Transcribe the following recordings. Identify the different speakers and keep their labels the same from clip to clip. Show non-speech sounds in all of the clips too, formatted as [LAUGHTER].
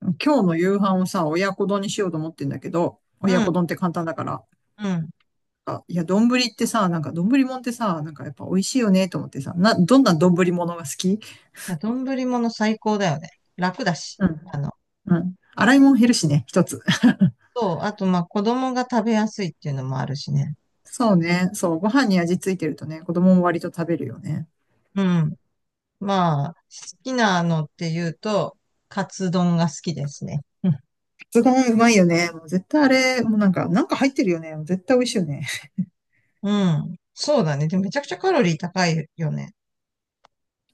Speaker 1: 今日の夕飯をさ、親子丼にしようと思ってんだけど、
Speaker 2: う
Speaker 1: 親
Speaker 2: ん、
Speaker 1: 子丼って簡単だから。
Speaker 2: うん。
Speaker 1: あいや、丼ってさ、なんか丼もんってさ、なんかやっぱ美味しいよねと思ってさ、どんな丼ものが好き？
Speaker 2: まあ、丼物最高だよね。楽だし。
Speaker 1: うん、
Speaker 2: あの、
Speaker 1: うん。洗い物減るしね、一つ。[LAUGHS]
Speaker 2: そう。あと、まあ、子供が食べやすいっていうのもあるしね。
Speaker 1: そうね、そう、ご飯に味ついてるとね、子供も割と食べるよね。
Speaker 2: うん。まあ、好きなのっていうと、カツ丼が好きですね。うん。
Speaker 1: カツ丼うまいよね。もう絶対あれ、もうなんか入ってるよね。もう絶対美味しいよね。
Speaker 2: うん、そうだね。でもめちゃくちゃカロリー高いよね。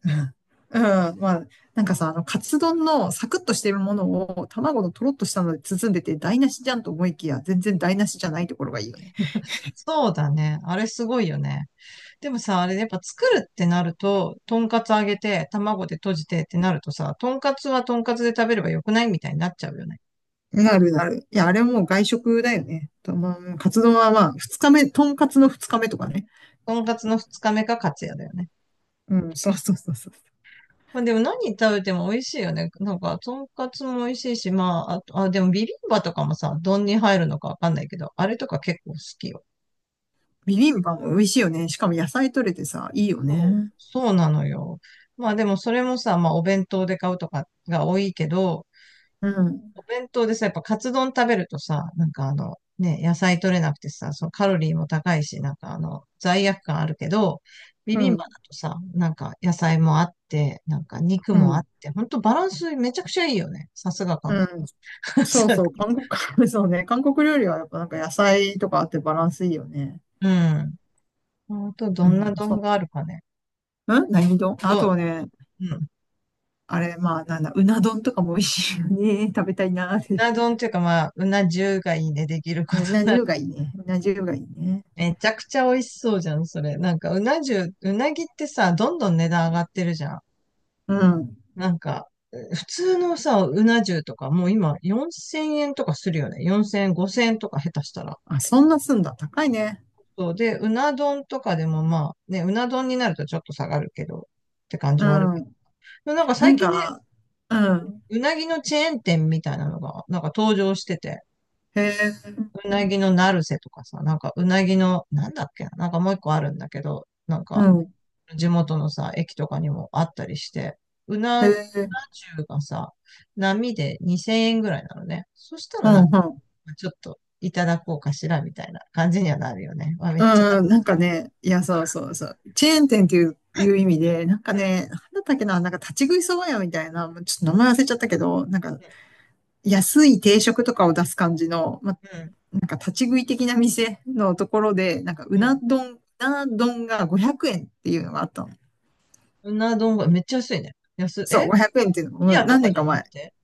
Speaker 1: うんうん、まあ、なんかさ、カツ丼のサクッとしてるものを卵のとろっとしたので包んでて台無しじゃんと思いきや、全然台無しじゃないところがいいよね。
Speaker 2: [LAUGHS] そうだね。あれすごいよね。でもさ、あれねやっぱ作るってなると、とんかつ揚げて、卵で閉じてってなるとさ、とんかつはとんかつで食べればよくないみたいになっちゃうよね。
Speaker 1: なるなる。いや、あれもう外食だよね。とまあ、カツ丼はまあ、二日目、とんかつの二日目とかね。
Speaker 2: とんかつの二日目かカツやだよね。
Speaker 1: うん、そうそうそうそう。
Speaker 2: まあ、でも何食べても美味しいよね。なんか、とんかつも美味しいし、まあ、あと、あ、でもビビンバとかもさ、丼に入るのかわかんないけど、あれとか結構好きよ。
Speaker 1: ビビンバも美味しいよね。しかも野菜取れてさ、いいよ
Speaker 2: そう
Speaker 1: ね。
Speaker 2: そうなのよ。まあでもそれもさ、まあお弁当で買うとかが多いけど、
Speaker 1: うん、
Speaker 2: お弁当でさ、やっぱカツ丼食べるとさ、なんかね、野菜取れなくてさ、そのカロリーも高いし、なんか罪悪感あるけど、ビ
Speaker 1: う
Speaker 2: ビンバ
Speaker 1: ん、
Speaker 2: だとさ、なんか野菜もあって、なんか肉
Speaker 1: う
Speaker 2: もあっ
Speaker 1: ん。
Speaker 2: て、ほんとバランスめちゃくちゃいいよね。さすが韓
Speaker 1: うん、
Speaker 2: 国。
Speaker 1: そうそう、
Speaker 2: [LAUGHS]
Speaker 1: 韓国、[LAUGHS] そうね、韓国料理はやっぱなんか野菜とかあってバランスいいよね。
Speaker 2: うん。あと、
Speaker 1: う
Speaker 2: どんな
Speaker 1: ん、そう
Speaker 2: 丼があ
Speaker 1: ね。
Speaker 2: るかね。
Speaker 1: ん、何丼あ
Speaker 2: ど、
Speaker 1: とね、
Speaker 2: うん。う
Speaker 1: あれ、まあ、なんだ、うな丼とかも美味しいよね。[LAUGHS] 食べたいなーって。
Speaker 2: な丼っていうか、まあ、うな重がいいね、できるこ
Speaker 1: う
Speaker 2: と。
Speaker 1: ん。うな
Speaker 2: [LAUGHS]
Speaker 1: 重がいいね。うな重がいいね。
Speaker 2: めちゃくちゃ美味しそうじゃん、それ。なんか、うな重、うなぎってさ、どんどん値段上がってるじゃん。
Speaker 1: うん。
Speaker 2: なんか、普通のさ、うな重とか、もう今、4000円とかするよね。4000円、5000円とか下手したら。
Speaker 1: あ、そんなすんだ。高いね。
Speaker 2: そう。で、うな丼とかでもまあ、ね、うな丼になるとちょっと下がるけど、って感じはある
Speaker 1: う
Speaker 2: けど。
Speaker 1: ん。
Speaker 2: でもなんか
Speaker 1: な
Speaker 2: 最
Speaker 1: ん
Speaker 2: 近ね、
Speaker 1: か、うん。
Speaker 2: うなぎのチェーン店みたいなのが、なんか登場してて。
Speaker 1: へえ、
Speaker 2: うなぎのナルセとかさ、なんかうなぎの、なんだっけな、なんかもう一個あるんだけど、なん
Speaker 1: う
Speaker 2: か
Speaker 1: ん。
Speaker 2: 地元のさ、駅とかにもあったりして、
Speaker 1: へ
Speaker 2: うな
Speaker 1: え、
Speaker 2: 重がさ、波で2000円ぐらいなのね。そした
Speaker 1: う
Speaker 2: ら
Speaker 1: ん、
Speaker 2: なんか、
Speaker 1: うん。
Speaker 2: ちょっといただこうかしらみたいな感じにはなるよね。わ、めっちゃ、
Speaker 1: うん、なんかね、いや、そうそうそう。チェーン店っていう意味で、なんか
Speaker 2: う
Speaker 1: ね、なんだったっけな、なんか立ち食いそば屋みたいな、もうちょっと名前忘れちゃったけど、なんか
Speaker 2: ん、
Speaker 1: 安い定食とかを出す感じの、まあ
Speaker 2: うん、
Speaker 1: なんか立ち食い的な店のところで、なんかう
Speaker 2: うん。う
Speaker 1: な
Speaker 2: ん、
Speaker 1: 丼、うな丼が500円っていうのがあったの。
Speaker 2: うな丼がめっちゃ安いね。安い、
Speaker 1: そう、
Speaker 2: え、
Speaker 1: 500円っていう
Speaker 2: す
Speaker 1: の
Speaker 2: き
Speaker 1: もう
Speaker 2: 家と
Speaker 1: 何
Speaker 2: か
Speaker 1: 年
Speaker 2: じ
Speaker 1: か
Speaker 2: ゃな
Speaker 1: 前。
Speaker 2: くて、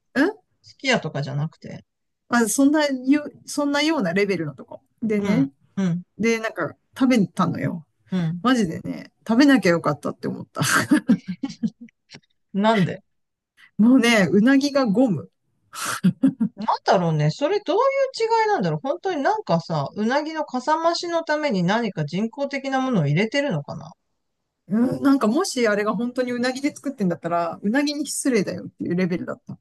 Speaker 2: すき家とかじゃなくて、
Speaker 1: まあ、そんなようなレベルのとこ。で
Speaker 2: うん、
Speaker 1: ね、
Speaker 2: うん、
Speaker 1: で、なんか食べたのよ。
Speaker 2: うん。
Speaker 1: マジでね、食べなきゃよかったって思った。[LAUGHS]
Speaker 2: なんで、
Speaker 1: もうね、うなぎがゴム。
Speaker 2: なんだろうね。それどういう違いなんだろう。本当になんかさ、うなぎのかさ増しのために何か人工的なものを入れてるのかな。
Speaker 1: うん、なんかもしあれが本当にうなぎで作ってんだったら、うなぎに失礼だよっていうレベルだった。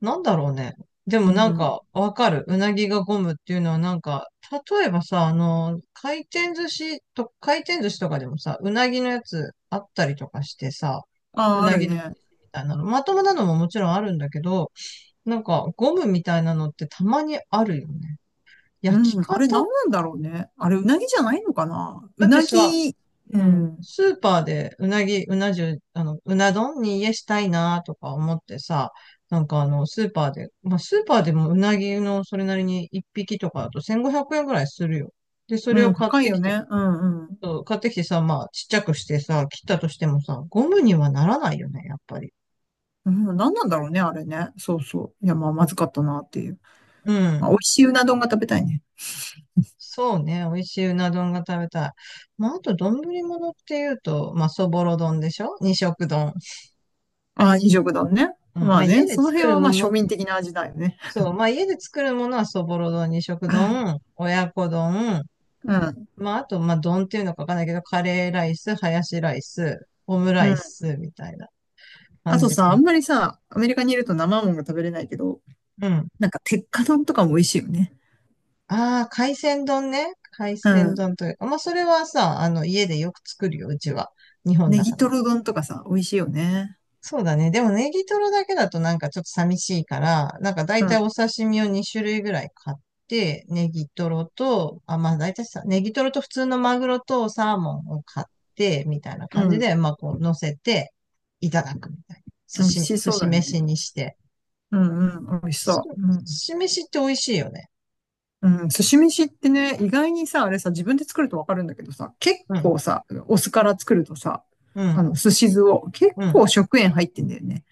Speaker 2: なんだろうね。で
Speaker 1: う
Speaker 2: もなん
Speaker 1: ん。
Speaker 2: かわかる。うなぎがゴムっていうのはなんか、例えばさ、回転寿司とかでもさ、うなぎのやつあったりとかしてさ、
Speaker 1: あ
Speaker 2: う
Speaker 1: あ、あ
Speaker 2: な
Speaker 1: る
Speaker 2: ぎの
Speaker 1: ね。
Speaker 2: みたいなの。まともなのももちろんあるんだけど、なんかゴムみたいなのってたまにあるよね。
Speaker 1: う
Speaker 2: 焼き
Speaker 1: ん、あ
Speaker 2: 方
Speaker 1: れ何なんだろうね。あれ、うなぎじゃないのかな、う
Speaker 2: だって
Speaker 1: な
Speaker 2: さ、
Speaker 1: ぎ。う
Speaker 2: うん。
Speaker 1: ん、
Speaker 2: スーパーでうなぎ、うな重、うな丼に家したいなとか思ってさ、なんかスーパーで、まあ、スーパーでもうなぎのそれなりに1匹とかだと1500円ぐらいするよ。で、それ
Speaker 1: う
Speaker 2: を
Speaker 1: ん、
Speaker 2: 買っ
Speaker 1: 高い
Speaker 2: て
Speaker 1: よ
Speaker 2: きて、
Speaker 1: ね。うん、うん。
Speaker 2: そう買ってきてさ、まあ、ちっちゃくしてさ、切ったとしてもさ、ゴムにはならないよね、やっぱり。
Speaker 1: うん、何なんだろうね、あれね。そうそう。いや、まあ、まずかったなっていう。
Speaker 2: う
Speaker 1: まあ、美味
Speaker 2: ん。
Speaker 1: しいうな丼が食べたいね。
Speaker 2: そうね、美味しいうな丼が食べたい。まあ、あと、丼物っていうと、まあ、そぼろ丼でしょ二色丼。
Speaker 1: ああ、二色丼ね。
Speaker 2: うん。ま
Speaker 1: ま
Speaker 2: あ、
Speaker 1: あ
Speaker 2: 家
Speaker 1: ね、
Speaker 2: で
Speaker 1: その
Speaker 2: 作
Speaker 1: 辺
Speaker 2: る
Speaker 1: はま
Speaker 2: も
Speaker 1: あ
Speaker 2: の
Speaker 1: 庶
Speaker 2: っ
Speaker 1: 民的な味だよね。
Speaker 2: そう、まあ家で作るものはそぼろ丼、二色
Speaker 1: あ、
Speaker 2: 丼、親子丼、
Speaker 1: うん、
Speaker 2: まああと、まあ丼っていうのかわかんないけど、カレーライス、ハヤシライス、オムラ
Speaker 1: う
Speaker 2: イ
Speaker 1: ん。
Speaker 2: スみたいな
Speaker 1: あ
Speaker 2: 感
Speaker 1: と
Speaker 2: じか
Speaker 1: さ、あ
Speaker 2: な。
Speaker 1: んまりさ、アメリカにいると生もんが食べれないけど、
Speaker 2: うん。
Speaker 1: なんか鉄火丼とかも美味しいよね。
Speaker 2: ああ、海鮮丼ね。海
Speaker 1: う
Speaker 2: 鮮
Speaker 1: ん。
Speaker 2: 丼というか、まあそれはさ、あの家でよく作るよ、うちは。日本
Speaker 1: ネ
Speaker 2: だ
Speaker 1: ギ
Speaker 2: から。
Speaker 1: トロ丼とかさ、美味しいよね。
Speaker 2: そうだね。でもネギトロだけだとなんかちょっと寂しいから、なんか大
Speaker 1: う
Speaker 2: 体
Speaker 1: ん、
Speaker 2: お刺身を2種類ぐらい買って、ネギトロと、あ、まあ大体さ、ネギトロと普通のマグロとサーモンを買って、みたいな
Speaker 1: う
Speaker 2: 感じ
Speaker 1: ん。
Speaker 2: で、まあこう乗せていただくみたいな。
Speaker 1: 美味し
Speaker 2: 寿
Speaker 1: そう
Speaker 2: 司
Speaker 1: だね。
Speaker 2: 飯にして。
Speaker 1: うんうん、美味しそ
Speaker 2: 寿
Speaker 1: う。
Speaker 2: 司飯って美味しいよね。
Speaker 1: うん、うん、寿司飯ってね、意外にさ、あれさ、自分で作るとわかるんだけどさ、結
Speaker 2: うん、
Speaker 1: 構さ、お酢から作るとさ、
Speaker 2: うん、
Speaker 1: 寿司酢を結
Speaker 2: うん。
Speaker 1: 構食塩入ってんだよね。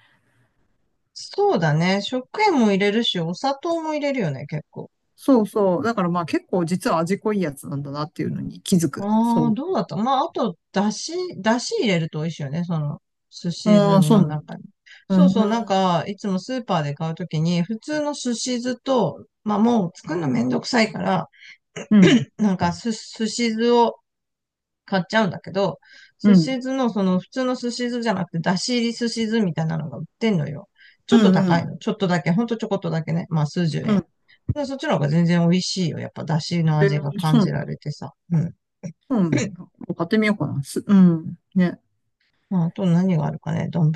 Speaker 2: そうだね。食塩も入れるし、お砂糖も入れるよね、結構。
Speaker 1: そうそう。だからまあ結構実は味濃いやつなんだなっていうのに気づく。
Speaker 2: ああ、
Speaker 1: そ
Speaker 2: どうだった。まあ、あと、だし入れると美味しいよね、その、寿
Speaker 1: う。
Speaker 2: 司
Speaker 1: あ
Speaker 2: 酢
Speaker 1: あ、そう
Speaker 2: の
Speaker 1: なん
Speaker 2: 中
Speaker 1: だ。
Speaker 2: に。
Speaker 1: う
Speaker 2: そうそう、なん
Speaker 1: ん、
Speaker 2: か、いつもスーパーで買うときに、普通の寿司酢と、まあ、もう作るのめんどくさいから、
Speaker 1: うん、
Speaker 2: なんか、寿司酢を買っちゃうんだけど、
Speaker 1: う
Speaker 2: 寿
Speaker 1: ん、
Speaker 2: 司酢の、その、普通の寿司酢じゃなくて、だし入り寿司酢みたいなのが売ってんのよ。ちょ
Speaker 1: う
Speaker 2: っと
Speaker 1: ん、う
Speaker 2: 高いの。
Speaker 1: ん。
Speaker 2: ちょっとだけ、ほんとちょこっとだけね。まあ、数十
Speaker 1: う
Speaker 2: 円。
Speaker 1: ん
Speaker 2: でそっちの方が全然美味しいよ。やっぱ、だしの味が感
Speaker 1: そ
Speaker 2: じ
Speaker 1: う、
Speaker 2: られてさ。うん。
Speaker 1: そうなんだ。買ってみようかな。うん。ね。
Speaker 2: まあ、あと何があるかね、丼。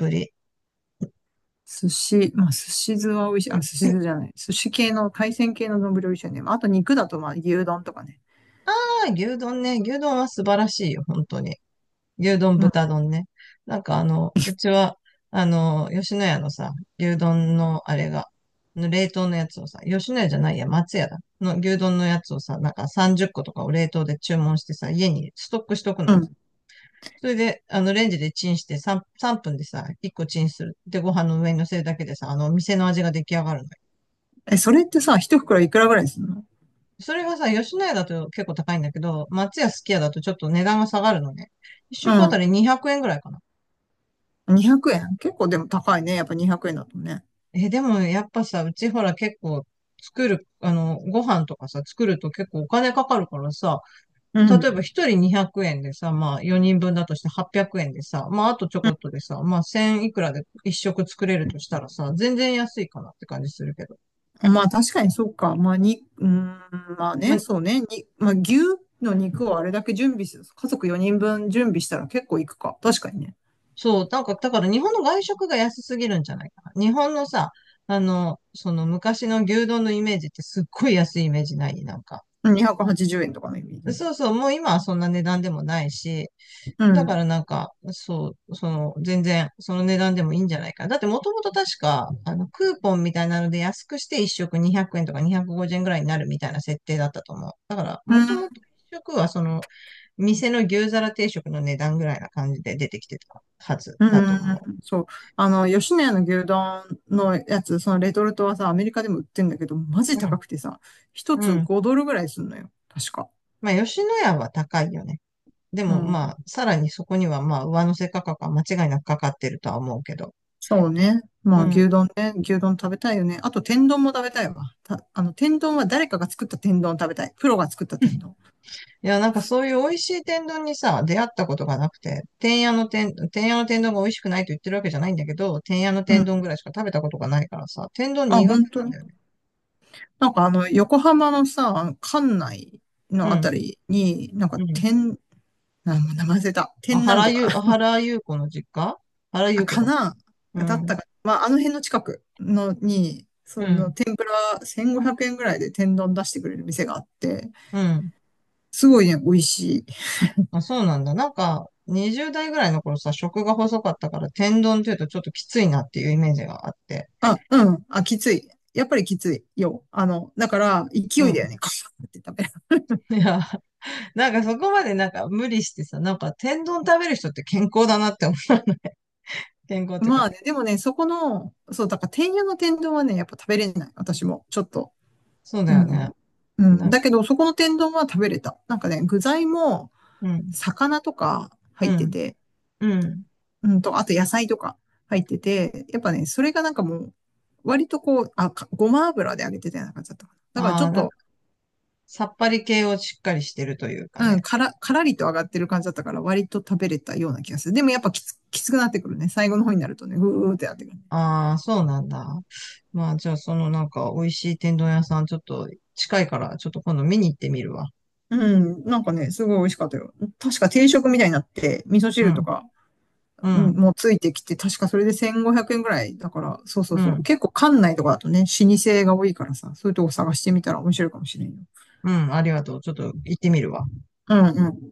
Speaker 1: まあ、寿司酢は美味しい。あ、寿司酢じゃない。寿司系の、海鮮系の丼美味しいよね。あと肉だと、まあ、牛丼とかね。
Speaker 2: 牛丼ね、牛丼は素晴らしいよ、本当に。牛丼、豚
Speaker 1: ま
Speaker 2: 丼ね。なんかうちは、吉野家のさ、牛丼のあれが、冷凍のやつをさ、吉野家じゃないや、松屋だ。の牛丼のやつをさ、なんか30個とかを冷凍で注文してさ、家にストックしとくの
Speaker 1: あ、う
Speaker 2: よ。
Speaker 1: ん。
Speaker 2: それで、レンジでチンして3分でさ、1個チンする。で、ご飯の上に乗せるだけでさ、店の味が出来上がるのよ。
Speaker 1: え、それってさ、一袋いくらぐらいするの？
Speaker 2: それがさ、吉野家だと結構高いんだけど、松屋すき家だとちょっと値段が下がるのね。一食あた
Speaker 1: う
Speaker 2: り200円ぐらいかな。
Speaker 1: ん。200円結構でも高いね。やっぱ200円だとね。
Speaker 2: え、でもやっぱさ、うちほら結構作る、あの、ご飯とかさ、作ると結構お金かかるからさ、
Speaker 1: うん。
Speaker 2: 例えば一人200円でさ、まあ4人分だとして800円でさ、まああとちょこっとでさ、まあ1000いくらで一食作れるとしたらさ、全然安いかなって感じするけど。
Speaker 1: うん。まあ、確かにそうか。まあ、うーん、まあ
Speaker 2: ま
Speaker 1: ね、
Speaker 2: あ
Speaker 1: そうね。まあ、牛の肉をあれだけ準備する。家族4人分準備したら結構いくか。確かにね。
Speaker 2: そう、なんか、だから日本の外食が安すぎるんじゃないかな。日本のさ、その昔の牛丼のイメージってすっごい安いイメージないなんか。
Speaker 1: うん、280円とかのイメージね。
Speaker 2: そうそう、もう今はそんな値段でもないし、
Speaker 1: う
Speaker 2: だから
Speaker 1: ん。
Speaker 2: なんか、そう、全然、その値段でもいいんじゃないかな。だってもともと確か、クーポンみたいなので安くして1食200円とか250円ぐらいになるみたいな設定だったと思う。だから、もともと
Speaker 1: う
Speaker 2: 1食は店の牛皿定食の値段ぐらいな感じで出てきてたはず
Speaker 1: う
Speaker 2: だと思
Speaker 1: ん、そう。あの、吉野家の牛丼のやつ、そのレトルトはさ、アメリカでも売ってんだけど、マジ高
Speaker 2: う。
Speaker 1: くてさ、一
Speaker 2: う
Speaker 1: つ
Speaker 2: ん。
Speaker 1: 5ドルぐらいすんのよ。確か。
Speaker 2: まあ、吉野家は高いよね。で
Speaker 1: う
Speaker 2: も、ま
Speaker 1: ん。
Speaker 2: あ、さらにそこには、まあ、上乗せ価格は間違いなくかかってるとは思うけど。
Speaker 1: そうね。
Speaker 2: う
Speaker 1: まあ、牛
Speaker 2: ん。
Speaker 1: 丼ね。牛丼食べたいよね。あと、天丼も食べたいわ。天丼は誰かが作った天丼食べたい。プロが作った天丼。
Speaker 2: いや、なんかそういう美味しい天丼にさ、出会ったことがなくて、天屋の天丼が美味しくないと言ってるわけじゃないんだけど、天屋の
Speaker 1: うん。
Speaker 2: 天丼ぐらいしか食べたことがないからさ、天丼
Speaker 1: あ、
Speaker 2: 苦
Speaker 1: 本
Speaker 2: 手
Speaker 1: 当
Speaker 2: なん
Speaker 1: に。
Speaker 2: だよね。
Speaker 1: なんかあの、横浜のさ、あの関内
Speaker 2: う
Speaker 1: のあ
Speaker 2: ん。
Speaker 1: たりに、なんか
Speaker 2: うん。
Speaker 1: 天、あ、もう名前忘れた。
Speaker 2: あ、
Speaker 1: 天なんとか。
Speaker 2: 原ゆう子の実家。原ゆ
Speaker 1: あ、
Speaker 2: う子
Speaker 1: か
Speaker 2: だ。
Speaker 1: な
Speaker 2: う
Speaker 1: だったか
Speaker 2: ん。
Speaker 1: な。まあ、あの辺の近くのに、
Speaker 2: うん。
Speaker 1: 1500円ぐらいで天丼出してくれる店があって、
Speaker 2: うん。
Speaker 1: すごいね、美味しい。
Speaker 2: あ、そうなんだ。なんか、20代ぐらいの頃さ、食が細かったから、天丼っていうとちょっときついなっていうイメージがあって。
Speaker 1: あ、うん。あ、きつい。やっぱりきついよ。だから、
Speaker 2: う
Speaker 1: 勢いだよ
Speaker 2: ん。
Speaker 1: ね。カシャって食べる。
Speaker 2: [LAUGHS] いや、なんかそこまでなんか無理してさ、なんか天丼食べる人って健康だなって思う。[LAUGHS] 健康
Speaker 1: [LAUGHS]
Speaker 2: っていうか、
Speaker 1: まあね、でもね、そこの、そう、だから、天屋の天丼はね、やっぱ食べれない。私も、ちょっと。
Speaker 2: そうだ
Speaker 1: う
Speaker 2: よね。
Speaker 1: ん。う
Speaker 2: な
Speaker 1: ん。
Speaker 2: ん
Speaker 1: だ
Speaker 2: か、
Speaker 1: けど、そこの天丼は食べれた。なんかね、具材も、
Speaker 2: うん、
Speaker 1: 魚とか
Speaker 2: う
Speaker 1: 入って
Speaker 2: ん、
Speaker 1: て、
Speaker 2: うん。
Speaker 1: あと野菜とか入ってて、やっぱね、それがなんかもう、割とこう、あ、かごま油で揚げてたような感じだったかな。だからち
Speaker 2: あ
Speaker 1: ょ
Speaker 2: あ、
Speaker 1: っ
Speaker 2: なん
Speaker 1: と、
Speaker 2: か、さっぱり系をしっかりしてるというか
Speaker 1: うん、
Speaker 2: ね。
Speaker 1: からりと上がってる感じだったから、割と食べれたような気がする。でもやっぱきつくなってくるね。最後の方になるとね、ぐーってなってくるね。
Speaker 2: ああ、そうなんだ。まあ、じゃあ、そのなんか、美味しい天丼屋さん、ちょっと近いから、ちょっと今度見に行ってみるわ。
Speaker 1: うん、なんかね、すごい美味しかったよ。確か定食みたいになって、味噌
Speaker 2: う
Speaker 1: 汁と
Speaker 2: ん、
Speaker 1: か、
Speaker 2: う
Speaker 1: うん、
Speaker 2: ん、
Speaker 1: もうついてきて、確かそれで1500円ぐらいだから、そうそう
Speaker 2: う
Speaker 1: そう。
Speaker 2: ん。
Speaker 1: 結構館内とかだとね、老舗が多いからさ、そういうとこ探してみたら面白いかもしれんよ。
Speaker 2: うん、ありがとう。ちょっと行ってみるわ。
Speaker 1: うんうん。